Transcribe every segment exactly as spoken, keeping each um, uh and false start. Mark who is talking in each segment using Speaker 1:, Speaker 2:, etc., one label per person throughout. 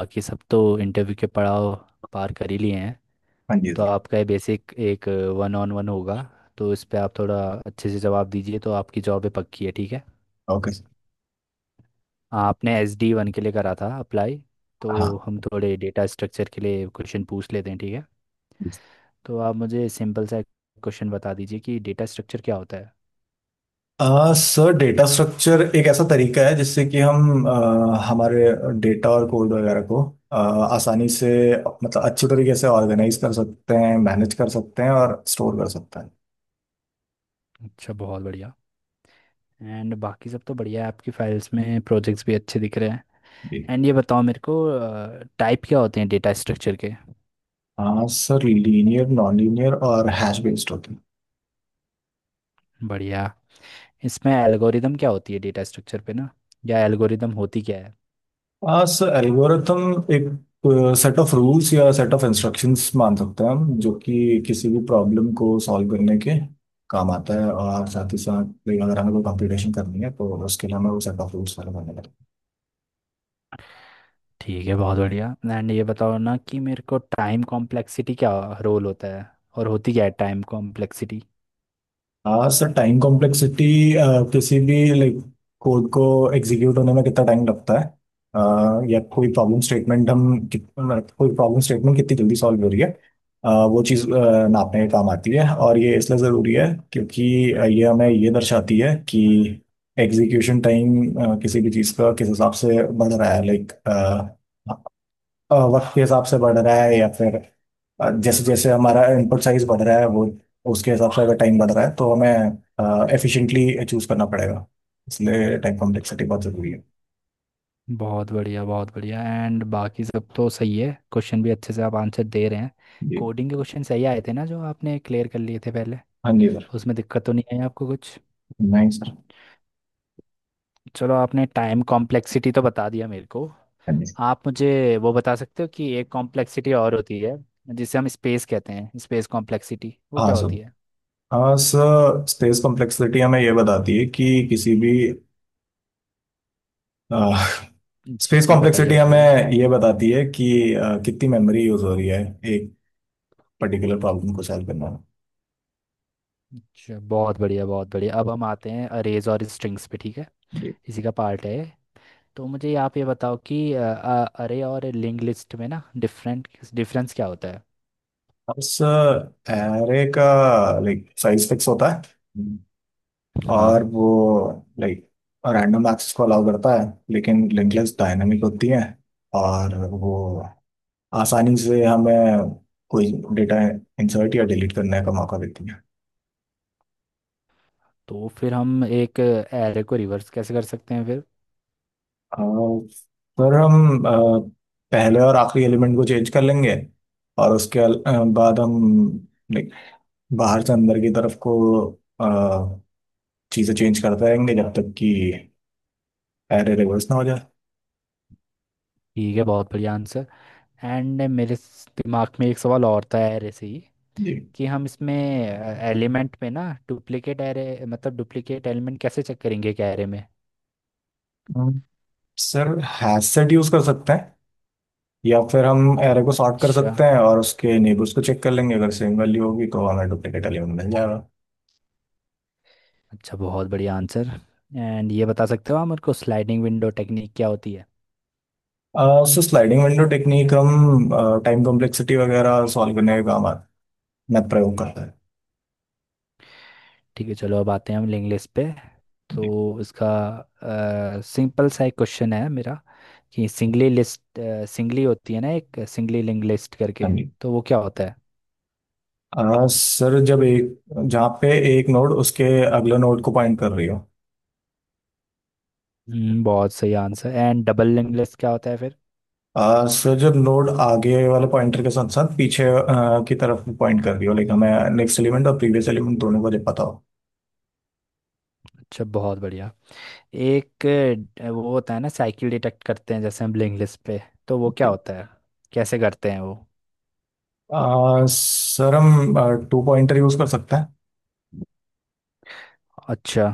Speaker 1: बाकी सब तो इंटरव्यू के पड़ाव पार कर ही लिए हैं।
Speaker 2: हाँ जी
Speaker 1: तो
Speaker 2: सर।
Speaker 1: आपका ये बेसिक एक वन ऑन वन होगा। तो इस पे आप थोड़ा अच्छे से जवाब दीजिए तो आपकी जॉब है, पक्की है, ठीक है।
Speaker 2: Okay sir.
Speaker 1: आपने एस डी वन के लिए करा था अप्लाई। तो
Speaker 2: हाँ।
Speaker 1: हम थोड़े डेटा स्ट्रक्चर के लिए क्वेश्चन पूछ लेते हैं, ठीक है। तो आप मुझे सिंपल सा क्वेश्चन बता दीजिए कि डेटा स्ट्रक्चर क्या होता है।
Speaker 2: अ, सर डेटा स्ट्रक्चर एक ऐसा तरीका है जिससे कि हम अ, हमारे डेटा और कोड वगैरह को अ, आसानी से मतलब अच्छे तरीके से ऑर्गेनाइज कर सकते हैं, मैनेज कर सकते हैं और स्टोर कर सकते हैं।
Speaker 1: अच्छा, बहुत बढ़िया। एंड बाकी सब तो बढ़िया है, आपकी फाइल्स में प्रोजेक्ट्स भी अच्छे दिख रहे हैं।
Speaker 2: जी।
Speaker 1: एंड ये बताओ मेरे को, टाइप क्या होते हैं डेटा स्ट्रक्चर के।
Speaker 2: हाँ सर, लीनियर, नॉन लीनियर और हैश बेस्ड होते हैं।
Speaker 1: बढ़िया। इसमें एल्गोरिदम क्या होती है डेटा स्ट्रक्चर पे ना, या एल्गोरिदम होती क्या है।
Speaker 2: हाँ सर, एल्गोरिथम एक सेट ऑफ रूल्स या सेट ऑफ इंस्ट्रक्शंस मान सकते हैं हम, जो कि किसी भी प्रॉब्लम को सॉल्व करने के काम आता है, और साथ ही साथ अगर हमें कोई कंप्यूटेशन करनी है तो उसके लिए हमें वो सेट ऑफ रूल्स फॉलो करने पड़ते हैं।
Speaker 1: ठीक है, बहुत बढ़िया। एंड ये बताओ ना कि मेरे को टाइम कॉम्प्लेक्सिटी क्या रोल होता है, और होती क्या है टाइम कॉम्प्लेक्सिटी।
Speaker 2: हाँ सर, टाइम कॉम्प्लेक्सिटी किसी भी लाइक कोड को एग्जीक्यूट होने में कितना टाइम लगता है, अ, या कोई प्रॉब्लम स्टेटमेंट हम कित- मतलब कोई प्रॉब्लम स्टेटमेंट कितनी जल्दी सॉल्व हो रही है, अ, वो चीज़ अ, नापने का काम आती है। और ये इसलिए ज़रूरी है क्योंकि अ, ये हमें ये दर्शाती है कि एग्जीक्यूशन टाइम किसी भी चीज़ का किस हिसाब से बढ़ रहा है, लाइक अ, वक्त के हिसाब से बढ़ रहा है, या फिर अ, जैसे जैसे हमारा इनपुट साइज बढ़ रहा है, वो उसके हिसाब से अगर टाइम बढ़ रहा है तो हमें एफिशिएंटली चूज करना पड़ेगा। इसलिए टाइम कॉम्प्लेक्सिटी बहुत जरूरी है।
Speaker 1: बहुत बढ़िया, बहुत बढ़िया। एंड बाकी सब तो सही है, क्वेश्चन भी अच्छे से आप आंसर दे रहे हैं।
Speaker 2: जी।
Speaker 1: कोडिंग के क्वेश्चन सही आए थे ना जो आपने क्लियर कर लिए थे पहले।
Speaker 2: हाँ जी सर।
Speaker 1: उसमें दिक्कत तो नहीं आई आपको कुछ।
Speaker 2: नहीं सर।
Speaker 1: चलो, आपने टाइम कॉम्प्लेक्सिटी तो बता दिया मेरे को।
Speaker 2: हाँ जी।
Speaker 1: आप मुझे वो बता सकते हो कि एक कॉम्प्लेक्सिटी और होती है जिसे हम स्पेस कहते हैं, स्पेस कॉम्प्लेक्सिटी, वो
Speaker 2: हाँ
Speaker 1: क्या
Speaker 2: सर।
Speaker 1: होती है।
Speaker 2: हाँ सर स्पेस कॉम्प्लेक्सिटी हमें ये बताती है कि किसी भी
Speaker 1: जी
Speaker 2: स्पेस
Speaker 1: जी, बताइए
Speaker 2: कॉम्प्लेक्सिटी
Speaker 1: बताइए।
Speaker 2: हमें ये बताती है कि अ, कितनी मेमोरी यूज हो रही है एक पर्टिकुलर प्रॉब्लम को सॉल्व करना
Speaker 1: अच्छा, बहुत बढ़िया, बहुत बढ़िया। अब हम आते हैं अरेज और स्ट्रिंग्स पे, ठीक है।
Speaker 2: में।
Speaker 1: इसी का पार्ट है ये। तो मुझे आप ये बताओ कि अरे और लिंक लिस्ट में ना डिफरेंट डिफरेंस क्या होता है।
Speaker 2: बस एरे का लाइक साइज फिक्स होता है और
Speaker 1: हाँ।
Speaker 2: वो लाइक रैंडम एक्सेस को अलाउ करता है, लेकिन लिंक लिस्ट डायनामिक होती है और वो आसानी से हमें कोई डेटा इंसर्ट या डिलीट करने का मौका देती है।
Speaker 1: तो फिर हम एक एरे को रिवर्स कैसे कर सकते हैं फिर।
Speaker 2: और फिर हम अ, पहले और आखिरी एलिमेंट को चेंज कर लेंगे, और उसके अल- अ, बाद हम लाइक बाहर से अंदर की तरफ को अ, चीजें चेंज करते रहेंगे जब तक कि अरे रे इसमें हो जाए।
Speaker 1: ठीक है, बहुत बढ़िया आंसर। एंड मेरे स- दिमाग में एक सवाल और था एरे से ही।
Speaker 2: जी।
Speaker 1: कि हम इसमें एलिमेंट में ना डुप्लीकेट एरे, मतलब डुप्लीकेट एलिमेंट कैसे चेक करेंगे एक एरे में।
Speaker 2: हम्म, सर हैशसेट यूज कर सकते हैं, या फिर हम एरे को सॉर्ट कर
Speaker 1: अच्छा,
Speaker 2: सकते हैं और उसके नेबर्स को चेक कर लेंगे, अगर सेम वैल्यू होगी तो हमें डुप्लीकेट एलिमेंट मिल जाएगा।
Speaker 1: अच्छा, बहुत बढ़िया आंसर। एंड ये बता सकते हो आप मेरे को स्लाइडिंग विंडो टेक्निक क्या होती है।
Speaker 2: अह, सो स्लाइडिंग विंडो टेक्निक हम टाइम कॉम्प्लेक्सिटी वगैरह सॉल्व करने का काम आता में प्रयोग करता है।
Speaker 1: ठीक है, चलो अब आते हैं हम लिंक लिस्ट पे। तो
Speaker 2: जी।
Speaker 1: इसका सिंपल सा एक क्वेश्चन है मेरा। कि सिंगली लिस्ट, सिंगली होती है ना एक सिंगली लिंक लिस्ट करके,
Speaker 2: हाँ जी।
Speaker 1: तो वो क्या होता है।
Speaker 2: अह, सर जब एक जहाँ पे एक नोड उसके अगले नोड को पॉइंट कर रही हो।
Speaker 1: हम्म, बहुत सही answer. And double link list क्या होता है फिर।
Speaker 2: आ, सर जब नोड आगे वाले पॉइंटर के साथ साथ पीछे आ, की तरफ पॉइंट कर रही हो, लाइक हमें नेक्स्ट एलिमेंट और प्रीवियस एलिमेंट दोनों को जब पता हो।
Speaker 1: अच्छा, बहुत बढ़िया। एक अ, वो होता है ना, साइकिल डिटेक्ट करते हैं जैसे हम ब्लिंक लिस्ट पे, तो वो क्या
Speaker 2: जी।
Speaker 1: होता है, कैसे करते हैं वो।
Speaker 2: आ, सर हम टू पॉइंटर यूज कर सकते हैं।
Speaker 1: अच्छा,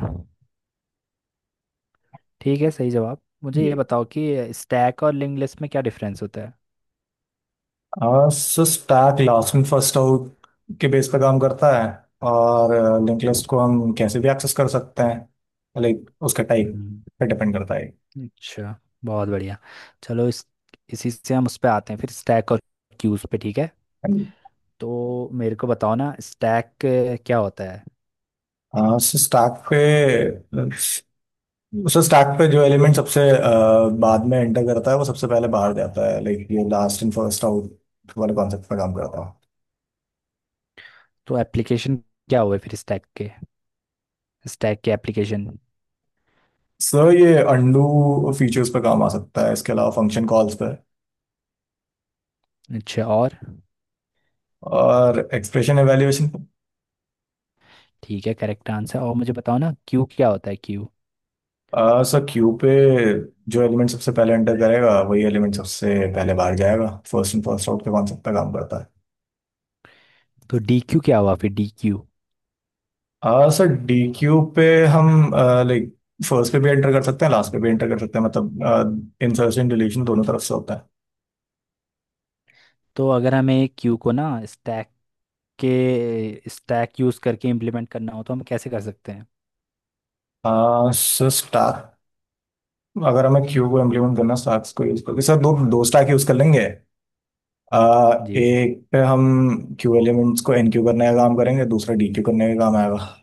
Speaker 1: ठीक है, सही जवाब। मुझे
Speaker 2: जी।
Speaker 1: ये बताओ कि स्टैक और लिंक लिस्ट में क्या डिफरेंस होता है।
Speaker 2: आ, sir stack last in first out के बेस पे काम करता है, और लिंक लिस्ट को हम कैसे भी एक्सेस कर सकते हैं, लाइक उसका टाइप
Speaker 1: हम्म,
Speaker 2: पे डिपेंड करता है।
Speaker 1: अच्छा, बहुत बढ़िया। चलो इस इसी से हम उस पे आते हैं फिर स्टैक और क्यूज पे, ठीक है। तो मेरे को बताओ ना स्टैक क्या होता है।
Speaker 2: हाँ सर स्टैक पे सो स्टैक पे जो एलिमेंट सबसे अ, बाद में एंटर करता है वो सबसे पहले बाहर जाता है, लाइक ये लास्ट इन फर्स्ट आउट वाले कॉन्सेप्ट पर काम करता है।
Speaker 1: तो एप्लीकेशन क्या हुए फिर स्टैक के, स्टैक के एप्लीकेशन।
Speaker 2: सो ये अंडू फीचर्स पर काम आ सकता है, इसके अलावा फंक्शन कॉल्स पे
Speaker 1: अच्छा, और।
Speaker 2: और एक्सप्रेशन एवेल्यूएशन।
Speaker 1: ठीक है, करेक्ट आंसर। और मुझे बताओ ना क्यू क्या होता है, क्यू।
Speaker 2: सो क्यू पे जो एलिमेंट सबसे पहले एंटर करेगा वही एलिमेंट सबसे पहले बाहर जाएगा, फर्स्ट इन फर्स्ट आउट के कॉन्सेप्ट पे काम करता
Speaker 1: तो डी क्यू क्या हुआ फिर, डी क्यू।
Speaker 2: है। सर डी क्यू पे हम लाइक फर्स्ट पे भी एंटर कर सकते हैं, लास्ट पे भी एंटर कर सकते हैं, मतलब इंसर्शन डिलीशन दोनों तरफ से होता है।
Speaker 1: तो अगर हमें क्यू को ना स्टैक के, स्टैक यूज करके इम्प्लीमेंट करना हो तो हम कैसे कर सकते हैं।
Speaker 2: हाँ सर स्टाक, अगर हमें क्यू को इम्प्लीमेंट करना स्टाक्स को यूज करके, सर दो दो स्टाक यूज कर लेंगे। आ,
Speaker 1: जी।
Speaker 2: एक पे हम क्यू एलिमेंट्स को एनक्यू करने का काम करेंगे, दूसरा डीक्यू करने का काम आएगा। हाँ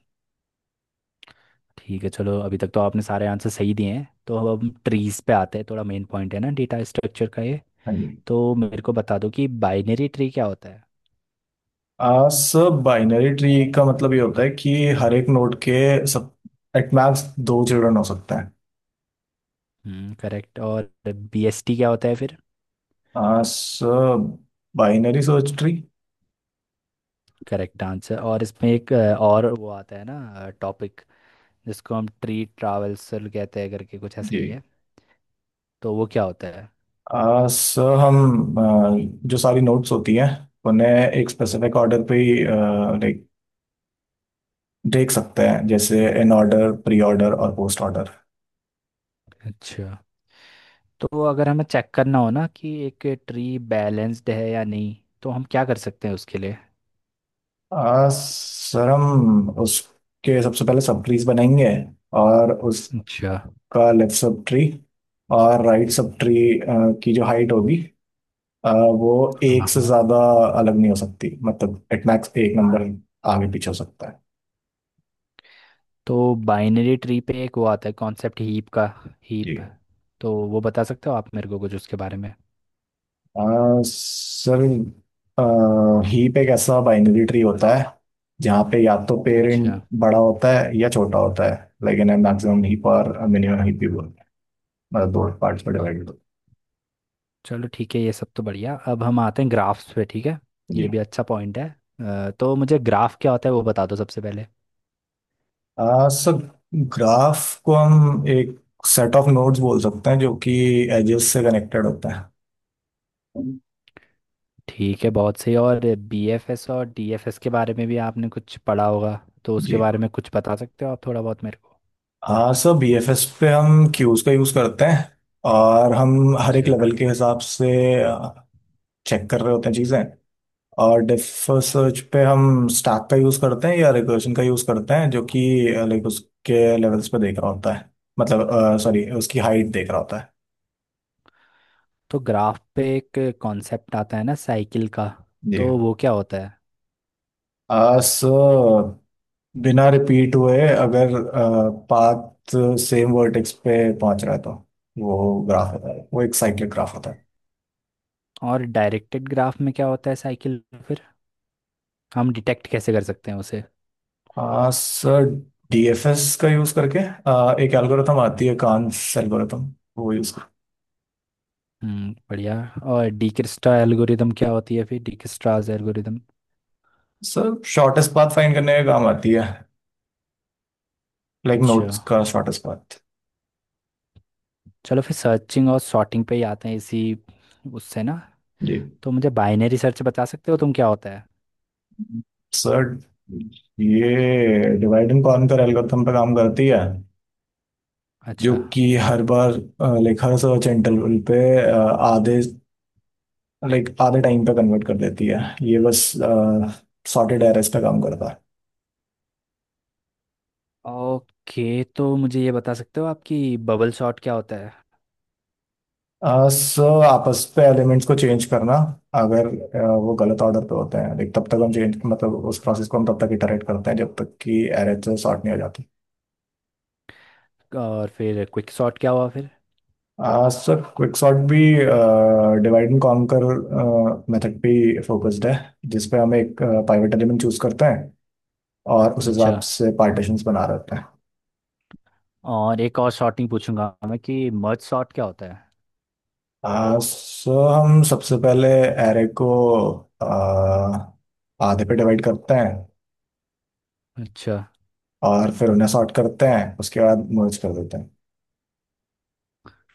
Speaker 1: ठीक है, चलो अभी तक तो आपने सारे आंसर सही दिए हैं, तो अब हम ट्रीज पे आते हैं, थोड़ा मेन पॉइंट है ना डेटा स्ट्रक्चर का ये।
Speaker 2: जी।
Speaker 1: तो मेरे को बता दो कि बाइनरी ट्री क्या होता है।
Speaker 2: आ, सर बाइनरी ट्री का मतलब ये होता है कि हर एक नोड के सब एट मैक्स दो चिल्ड्रन हो सकते हैं।
Speaker 1: हम्म करेक्ट। और बीएसटी क्या होता है फिर।
Speaker 2: आ, sir binary search tree.
Speaker 1: Correct answer. और इसमें एक अ, और वो आता है ना टॉपिक, जिसको हम ट्री ट्रावल्सल कहते हैं करके, कुछ
Speaker 2: जी।
Speaker 1: ऐसे ही है, तो वो क्या होता है।
Speaker 2: आ, सर हम आ, जो सारी नोट्स होती हैं उन्हें एक स्पेसिफिक ऑर्डर पे ही देख सकते हैं, जैसे इन ऑर्डर, प्री ऑर्डर और पोस्ट ऑर्डर।
Speaker 1: अच्छा। तो अगर हमें चेक करना हो ना कि एक ट्री बैलेंस्ड है या नहीं, तो हम क्या कर सकते हैं उसके लिए।
Speaker 2: आ, सर हम उसके सबसे पहले सब ट्रीज बनाएंगे, और उसका
Speaker 1: अच्छा।
Speaker 2: लेफ्ट सब ट्री और राइट सब ट्री की जो हाइट होगी, आ, वो एक
Speaker 1: हाँ,
Speaker 2: से
Speaker 1: हाँ।
Speaker 2: ज्यादा अलग नहीं हो सकती, मतलब एट मैक्स एक नंबर आगे पीछे हो सकता है।
Speaker 1: तो बाइनरी ट्री पे एक वो आता है कॉन्सेप्ट हीप का,
Speaker 2: जी।
Speaker 1: हीप, तो वो बता सकते हो आप मेरे को कुछ उसके बारे में।
Speaker 2: आ, सर आ, हीप एक ऐसा बाइनरी ट्री होता है जहाँ पे या तो
Speaker 1: अच्छा।
Speaker 2: पेरेंट बड़ा होता है या छोटा होता है। लाइक इन मैक्सिमम हीप और मिनिमम हीप भी बोलते हैं, मतलब दो पार्ट्स में डिवाइडेड होता
Speaker 1: चलो ठीक है, ये सब तो बढ़िया। अब हम आते हैं ग्राफ्स पे, ठीक है।
Speaker 2: है। जी।
Speaker 1: ये भी अच्छा पॉइंट है। अ, तो मुझे ग्राफ क्या होता है वो बता दो सबसे पहले।
Speaker 2: आ, सर ग्राफ को हम एक सेट ऑफ नोड्स बोल सकते हैं जो कि एजेस से कनेक्टेड होते हैं।
Speaker 1: ठीक है, बहुत सही। और बीएफएस और डीएफएस के बारे में भी आपने कुछ पढ़ा होगा, तो उसके
Speaker 2: जी।
Speaker 1: बारे में कुछ बता सकते हो आप थोड़ा बहुत मेरे को।
Speaker 2: हाँ सर, बीएफएस पे हम क्यूज का यूज करते हैं और हम हर एक
Speaker 1: अच्छा।
Speaker 2: लेवल के हिसाब से चेक कर रहे होते हैं चीजें। और डेप्थ फर्स्ट सर्च पे हम स्टैक का यूज करते हैं या रिकर्शन का यूज करते हैं, जो कि लाइक उसके लेवल्स पे देख रहा होता है, मतलब सॉरी उसकी हाइट देख रहा होता है।
Speaker 1: तो ग्राफ पे एक कॉन्सेप्ट आता है ना साइकिल का,
Speaker 2: जी।
Speaker 1: तो वो क्या होता है।
Speaker 2: सो बिना रिपीट हुए अगर पाथ सेम वर्टेक्स पे पहुंच रहा है तो वो ग्राफ होता है, वो एक साइक्लिक ग्राफ होता
Speaker 1: और डायरेक्टेड ग्राफ में क्या होता है साइकिल फिर, हम डिटेक्ट कैसे कर सकते हैं उसे।
Speaker 2: है। सर डीएफएस का यूज करके अ, एक एल्गोरिथम आती है कान्स एल्गोरिथम, वो यूज कर।
Speaker 1: हम्म बढ़िया। और डिकिस्ट्रा एल्गोरिदम क्या होती है फिर, Dijkstra's algorithm.
Speaker 2: Sir shortest path find करने का काम आती है, लाइक नोट्स
Speaker 1: अच्छा।
Speaker 2: का शॉर्टेस्ट पाथ।
Speaker 1: चलो फिर सर्चिंग और सॉर्टिंग पे ही आते हैं, इसी उससे ना।
Speaker 2: जी।
Speaker 1: तो मुझे बाइनरी सर्च बता सकते हो तुम क्या होता है।
Speaker 2: सर ये डिवाइड एंड कॉन्कर एल्गोरिथम पे काम करती है, जो
Speaker 1: अच्छा,
Speaker 2: कि हर बार लाइक हर सर्च इंटरवल पे अ, आधे, लाइक आधे टाइम पे कन्वर्ट कर देती है। ये बस सॉर्टेड एरेस पे काम करता है।
Speaker 1: ओके। तो मुझे ये बता सकते हो आपकी बबल शॉट क्या होता है।
Speaker 2: सो uh, so, आपस पे एलिमेंट्स को चेंज करना अगर अ, वो गलत ऑर्डर पे होते हैं, लाइक तब तक हम चेंज मतलब उस प्रोसेस को हम तब तक इटरेट करते हैं जब तक कि एरे सॉर्ट नहीं हो जाता।
Speaker 1: और फिर क्विक शॉट क्या हुआ फिर।
Speaker 2: आ, सर क्विकसॉर्ट भी डिवाइड एंड कॉन्कर मेथड पे फोकस्ड है, जिसपे हम एक पाइवेट एलिमेंट चूज करते हैं और उस
Speaker 1: अच्छा,
Speaker 2: हिसाब से पार्टीशंस बना रहते हैं।
Speaker 1: और एक और शॉट नहीं पूछूंगा मैं कि मर्ज शॉट क्या होता है।
Speaker 2: आ, सो हम सबसे पहले एरे को अ, आधे पे डिवाइड करते हैं,
Speaker 1: अच्छा,
Speaker 2: और फिर उन्हें सॉर्ट करते हैं, उसके बाद मर्ज कर देते हैं।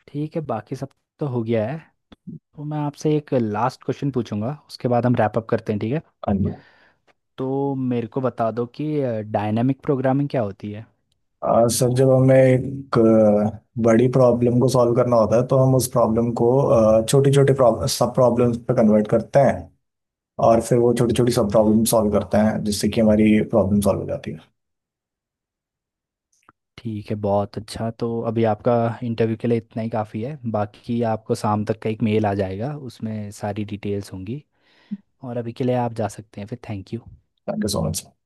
Speaker 1: ठीक है, बाकी सब तो हो गया है। तो मैं आपसे एक लास्ट क्वेश्चन पूछूंगा, उसके बाद हम रैप अप करते हैं, ठीक है।
Speaker 2: हाँ जी।
Speaker 1: तो मेरे को बता दो कि डायनामिक प्रोग्रामिंग क्या होती है।
Speaker 2: अ, सर जब हमें एक अ, बड़ी प्रॉब्लम को सॉल्व करना होता है तो हम उस प्रॉब्लम को छोटी छोटी सब प्रॉब्लम्स पे कन्वर्ट करते हैं, और फिर वो छोटी छोटी सब प्रॉब्लम सॉल्व करते हैं जिससे कि हमारी प्रॉब्लम सॉल्व हो जाती है।
Speaker 1: ठीक है, बहुत अच्छा। तो अभी आपका इंटरव्यू के लिए इतना ही काफ़ी है, बाकी आपको शाम तक का एक मेल आ जाएगा उसमें सारी डिटेल्स होंगी। और अभी के लिए आप जा सकते हैं, फिर thank you.
Speaker 2: Thank you so much.